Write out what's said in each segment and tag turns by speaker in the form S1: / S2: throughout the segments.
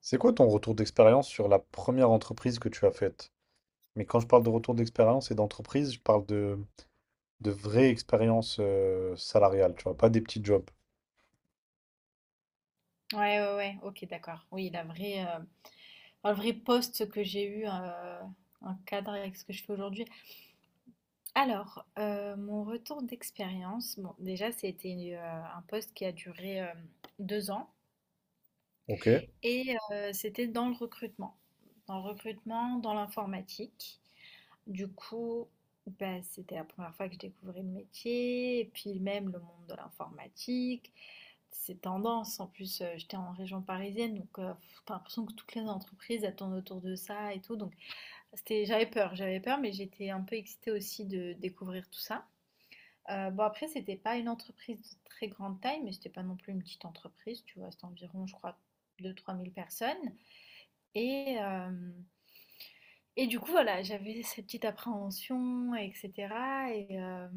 S1: C'est quoi ton retour d'expérience sur la première entreprise que tu as faite? Mais quand je parle de retour d'expérience et d'entreprise, je parle de vraie expérience salariale, tu vois, pas des petits jobs.
S2: Ouais, ouais, ouais, ok, d'accord. Oui, la vraie, enfin, le vrai poste que j'ai eu en cadre avec ce que je fais aujourd'hui. Alors, mon retour d'expérience, bon, déjà, c'était un poste qui a duré 2 ans
S1: Ok.
S2: et c'était dans le recrutement, dans l'informatique. Du coup, bah, c'était la première fois que je découvrais le métier et puis même le monde de l'informatique. C'est tendance. En plus, j'étais en région parisienne, donc t'as l'impression que toutes les entreprises elles tournent autour de ça et tout. Donc, c'était, j'avais peur, mais j'étais un peu excitée aussi de découvrir tout ça. Bon, après, c'était pas une entreprise de très grande taille, mais c'était pas non plus une petite entreprise. Tu vois, c'était environ, je crois, 2 3 000 personnes. Et, euh, et du coup, voilà, j'avais cette petite appréhension, etc. Et euh,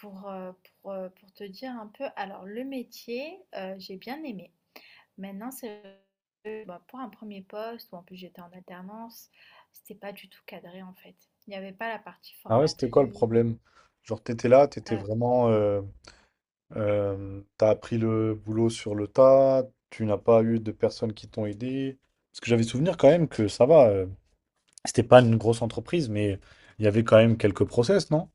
S2: pour, euh, pour te dire un peu, alors le métier, j'ai bien aimé. Maintenant, c'est bah, pour un premier poste où en plus j'étais en alternance, c'était pas du tout cadré en fait. Il n'y avait pas la partie
S1: Ah ouais, c'était quoi le
S2: formatrice.
S1: problème? Genre, t'étais là, t'étais
S2: euh,
S1: vraiment. T'as appris le boulot sur le tas, tu n'as pas eu de personnes qui t'ont aidé. Parce que j'avais souvenir quand même que ça va, c'était pas une grosse entreprise, mais il y avait quand même quelques process, non?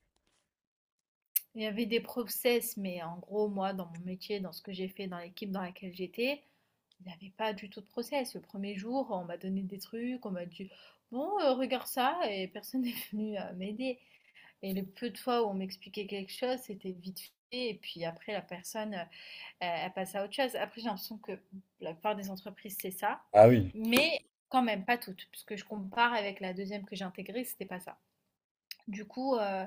S2: il y avait des process, mais en gros, moi, dans mon métier, dans ce que j'ai fait, dans l'équipe dans laquelle j'étais, il n'y avait pas du tout de process. Le premier jour, on m'a donné des trucs, on m'a dit, bon, regarde ça, et personne n'est venu m'aider. Et le peu de fois où on m'expliquait quelque chose, c'était vite fait. Et puis après, la personne, à passer à autre chose. Après, j'ai l'impression que la plupart des entreprises, c'est ça,
S1: Ah oui.
S2: mais quand même pas toutes, parce que je compare avec la deuxième que j'ai intégrée, c'était pas ça. Du coup, euh,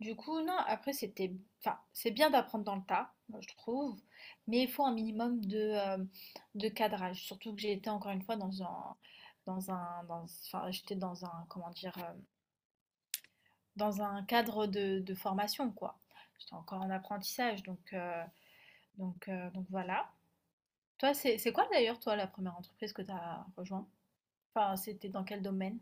S2: du coup, non, après, c'était, enfin, c'est bien d'apprendre dans le tas, moi je trouve, mais il faut un minimum de cadrage, surtout que j'ai été encore une fois dans un, enfin, j'étais dans un, comment dire, dans un cadre de formation, quoi. J'étais encore en apprentissage, donc voilà. Toi, c'est quoi d'ailleurs, toi, la première entreprise que tu as rejoint? Enfin, c'était dans quel domaine?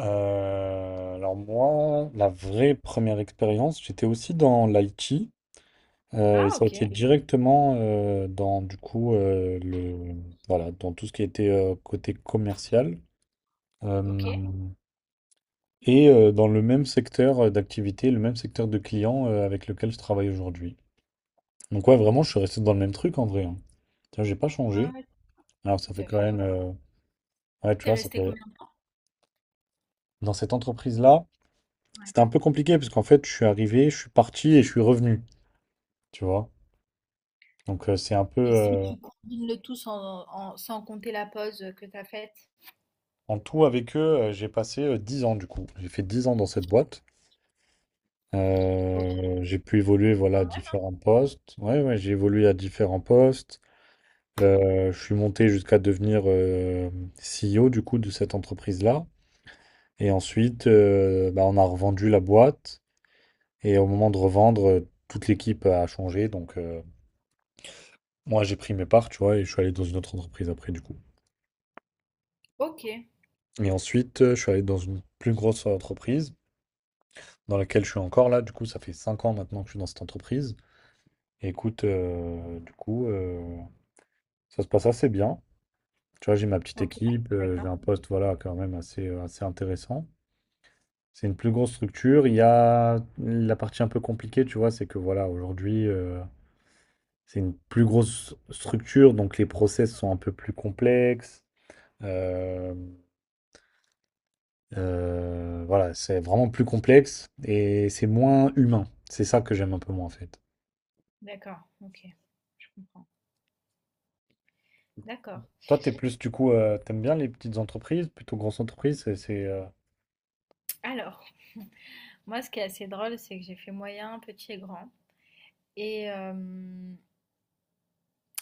S1: Alors moi, la vraie première expérience, j'étais aussi dans l'IT,
S2: Ah,
S1: et ça a
S2: ok,
S1: été directement dans du coup, le. Voilà, dans tout ce qui était côté commercial.
S2: ok.
S1: Euh, et dans le même secteur d'activité, le même secteur de clients avec lequel je travaille aujourd'hui. Donc ouais, vraiment, je suis resté dans le même truc en vrai, hein. Tiens, j'ai pas
S2: Ouais,
S1: changé.
S2: ouais,
S1: Alors
S2: tout
S1: ça fait
S2: à
S1: quand
S2: fait, ouais.
S1: même ouais, tu
S2: T'es
S1: vois, ça
S2: resté
S1: fait,
S2: combien de temps?
S1: dans cette entreprise-là,
S2: Ouais.
S1: c'était un peu compliqué parce qu'en fait, je suis arrivé, je suis parti et je suis revenu, tu vois. Donc euh, c'est un peu...
S2: Et si
S1: euh,
S2: tu combines le tout sans, sans compter la pause que tu as faite?
S1: En tout, avec eux, j'ai passé 10 ans du coup. J'ai fait 10 ans dans cette boîte.
S2: Ok,
S1: J'ai pu évoluer, voilà, à
S2: quand même, hein.
S1: différents postes. Ouais, ouais, j'ai évolué à différents postes. Je suis monté jusqu'à devenir CEO du coup de cette entreprise-là. Et ensuite, bah, on a revendu la boîte. Et au moment de revendre, toute l'équipe a changé. Moi, j'ai pris mes parts, tu vois, et je suis allé dans une autre entreprise après du coup.
S2: Ok,
S1: Et ensuite, je suis allé dans une plus grosse entreprise dans laquelle je suis encore là. Du coup, ça fait 5 ans maintenant que je suis dans cette entreprise. Et écoute, ça se passe assez bien. Tu vois, j'ai ma petite
S2: ok,
S1: équipe, j'ai
S2: d'accord,
S1: un poste, voilà, quand même assez intéressant. C'est une plus grosse structure. Il y a la partie un peu compliquée, tu vois, c'est que voilà, aujourd'hui, c'est une plus grosse structure, donc les process sont un peu plus complexes. Euh, voilà, c'est vraiment plus complexe et c'est moins humain. C'est ça que j'aime un peu moins en fait.
S2: d'accord, ok, je comprends. D'accord.
S1: Toi, t'es plus du coup, t'aimes bien les petites entreprises, plutôt grosses entreprises,
S2: Alors, moi, ce qui est assez drôle, c'est que j'ai fait moyen, petit et grand. Et euh,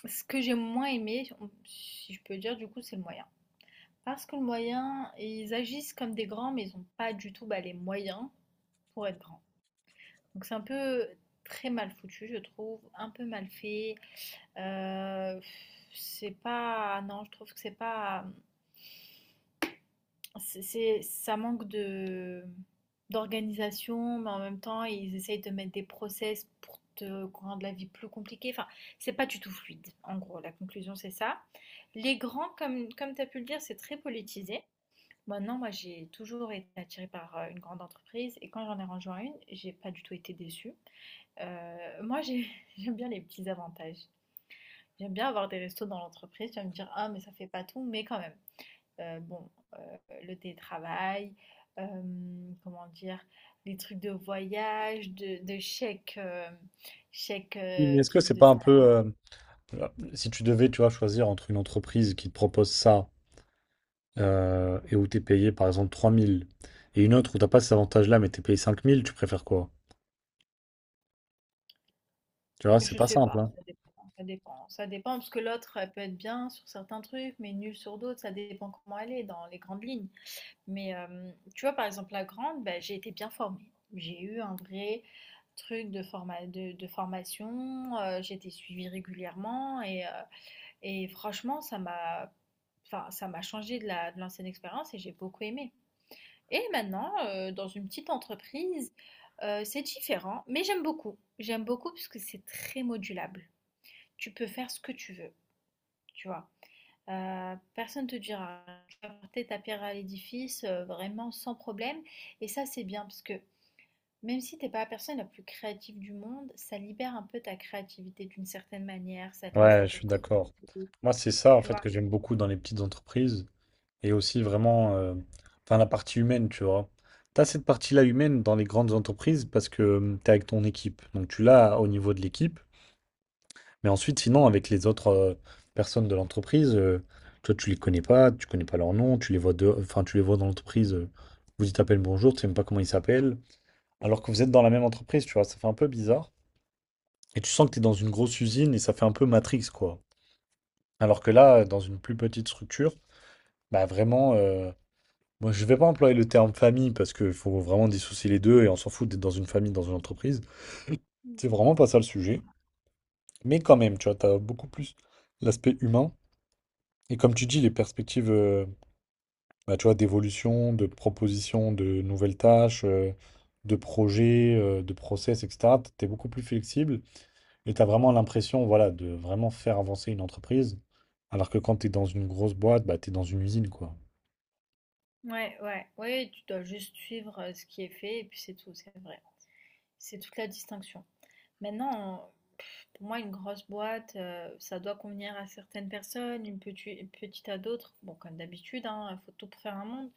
S2: Ce que j'ai moins aimé, si je peux dire, du coup, c'est le moyen. Parce que le moyen, ils agissent comme des grands, mais ils ont pas du tout bah, les moyens pour être grands. Donc c'est un peu très mal foutu, je trouve, un peu mal fait. Euh, c'est pas, non, je trouve que c'est pas, ça manque de d'organisation, mais en même temps ils essayent de mettre des process pour te rendre la vie plus compliquée. Enfin, c'est pas du tout fluide. En gros, la conclusion c'est ça. Les grands, comme tu as pu le dire, c'est très politisé. Maintenant moi j'ai toujours été attirée par une grande entreprise et quand j'en ai rejoint une, j'ai pas du tout été déçue. Euh, moi j'ai- J'aime bien les petits avantages. J'aime bien avoir des restos dans l'entreprise. Tu vas me dire, ah mais ça fait pas tout, mais quand même. Bon, le télétravail, comment dire, les trucs de voyage, de chèques, chèques,
S1: oui, mais est-ce que
S2: trucs
S1: c'est
S2: de
S1: pas un peu,
S2: salarié.
S1: voilà, si tu devais, tu vois, choisir entre une entreprise qui te propose ça, et où t'es payé par exemple 3000 et une autre où t'as pas cet avantage-là mais t'es payé 5000, tu préfères quoi? Tu vois, c'est
S2: Je
S1: pas
S2: sais
S1: simple,
S2: pas,
S1: hein.
S2: ça dépend, ça dépend. Ça dépend parce que l'autre, elle peut être bien sur certains trucs, mais nulle sur d'autres. Ça dépend comment elle est dans les grandes lignes. Mais tu vois, par exemple, la grande, ben, j'ai été bien formée. J'ai eu un vrai truc de formation. J'ai été suivie régulièrement et franchement, ça m'a, enfin, ça m'a changé de l'ancienne expérience et j'ai beaucoup aimé. Et maintenant, dans une petite entreprise, c'est différent, mais j'aime beaucoup. J'aime beaucoup parce que c'est très modulable, tu peux faire ce que tu veux, tu vois. Personne te dira, tu vas porter ta pierre à l'édifice vraiment sans problème. Et ça, c'est bien parce que même si t'es pas la personne la plus créative du monde, ça libère un peu ta créativité d'une certaine manière, ça te laisse un
S1: Ouais, je
S2: peu
S1: suis d'accord.
S2: creux,
S1: Moi, c'est ça en
S2: tu
S1: fait que
S2: vois.
S1: j'aime beaucoup dans les petites entreprises et aussi vraiment, enfin la partie humaine, tu vois. T'as cette partie-là humaine dans les grandes entreprises parce que tu t'es avec ton équipe, donc tu l'as au niveau de l'équipe. Mais ensuite, sinon, avec les autres personnes de l'entreprise, toi, tu les connais pas, tu connais pas leur nom, tu les vois de... enfin, tu les vois dans l'entreprise, vous dites à bonjour, tu sais même pas comment ils s'appellent, alors que vous êtes dans la même entreprise, tu vois, ça fait un peu bizarre. Et tu sens que tu es dans une grosse usine et ça fait un peu Matrix, quoi. Alors que là, dans une plus petite structure, bah vraiment, moi, je vais pas employer le terme famille parce qu'il faut vraiment dissocier les deux et on s'en fout d'être dans une famille, dans une entreprise.
S2: Mm.
S1: C'est vraiment pas ça le sujet. Mais quand même, tu vois, t'as beaucoup plus l'aspect humain. Et comme tu dis, les perspectives, bah, tu vois, d'évolution, de proposition, de nouvelles tâches, de projets, de process, etc., tu es beaucoup plus flexible et tu as vraiment l'impression, voilà, de vraiment faire avancer une entreprise. Alors que quand tu es dans une grosse boîte, bah, tu es dans une usine, quoi.
S2: Ouais, ouais, ouais, tu dois juste suivre ce qui est fait et puis c'est tout, c'est vrai. C'est toute la distinction. Maintenant, pff, pour moi, une grosse boîte, ça doit convenir à certaines personnes, une petite à d'autres. Bon, comme d'habitude, hein, il faut tout pour faire un monde.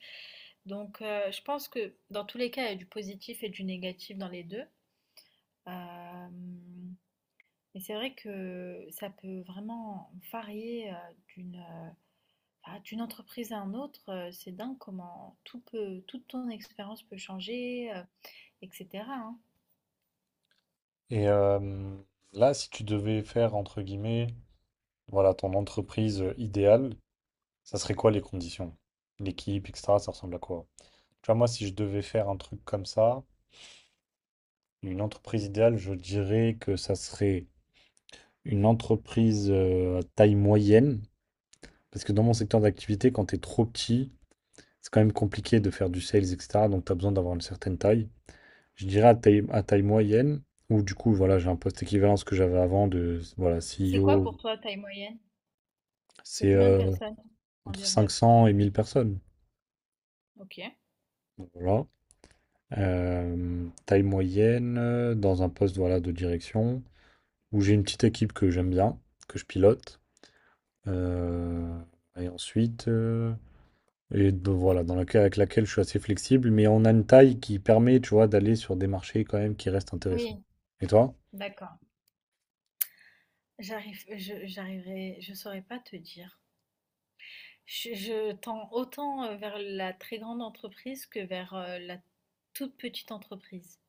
S2: Donc, je pense que dans tous les cas, il y a du positif et du négatif dans les deux. Euh, mais c'est vrai que ça peut vraiment varier d'une euh, d'une entreprise à une autre. C'est dingue comment toute ton expérience peut changer, etc. hein.
S1: Et là, si tu devais faire, entre guillemets, voilà, ton entreprise idéale, ça serait quoi les conditions? L'équipe, etc., ça ressemble à quoi? Tu vois, moi, si je devais faire un truc comme ça, une entreprise idéale, je dirais que ça serait une entreprise à taille moyenne. Parce que dans mon secteur d'activité, quand tu es trop petit, c'est quand même compliqué de faire du sales, etc. Donc tu as besoin d'avoir une certaine taille. Je dirais à taille moyenne, où du coup, voilà, j'ai un poste équivalent à ce que j'avais avant de voilà,
S2: C'est quoi
S1: CEO.
S2: pour toi, taille moyenne? C'est
S1: C'est
S2: combien de personnes
S1: entre
S2: environ?
S1: 500 et 1000 personnes.
S2: Ok.
S1: Donc, voilà. Taille moyenne, dans un poste voilà, de direction, où j'ai une petite équipe que j'aime bien, que je pilote. Euh, et ensuite, euh, voilà, avec laquelle je suis assez flexible, mais on a une taille qui permet, tu vois, d'aller sur des marchés quand même qui restent intéressants.
S2: Oui,
S1: Et toi?
S2: d'accord. J'arrive je j'arriverai je saurais pas te dire. Je tends autant, vers la très grande entreprise que vers, la toute petite entreprise.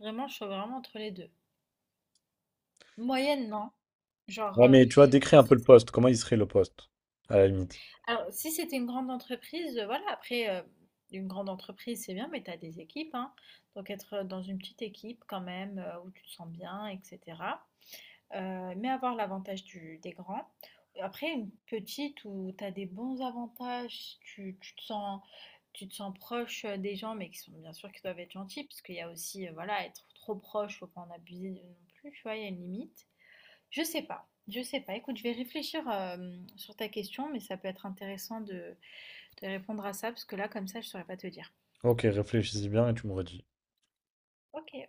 S2: Vraiment, je suis vraiment entre les 2. Moyenne, non. Genre,
S1: Ouais, mais tu vois,
S2: moi
S1: décris un peu
S2: c'est
S1: le poste. Comment il serait le poste, à la limite?
S2: alors si c'était une grande entreprise, voilà après, une grande entreprise c'est bien mais tu as des équipes, hein. Donc être, dans une petite équipe quand même, où tu te sens bien et cetera. Mais avoir l'avantage des grands. Après, une petite où tu as des bons avantages, tu te sens proche des gens, mais qui sont bien sûr qui doivent être gentils, parce qu'il y a aussi, voilà, être trop proche, faut pas en abuser non plus, tu vois, il y a une limite. Je sais pas, je sais pas. Écoute, je vais réfléchir sur ta question, mais ça peut être intéressant de répondre à ça, parce que là, comme ça, je saurais pas te dire.
S1: Ok, réfléchis-y bien et tu me redis.
S2: Ok.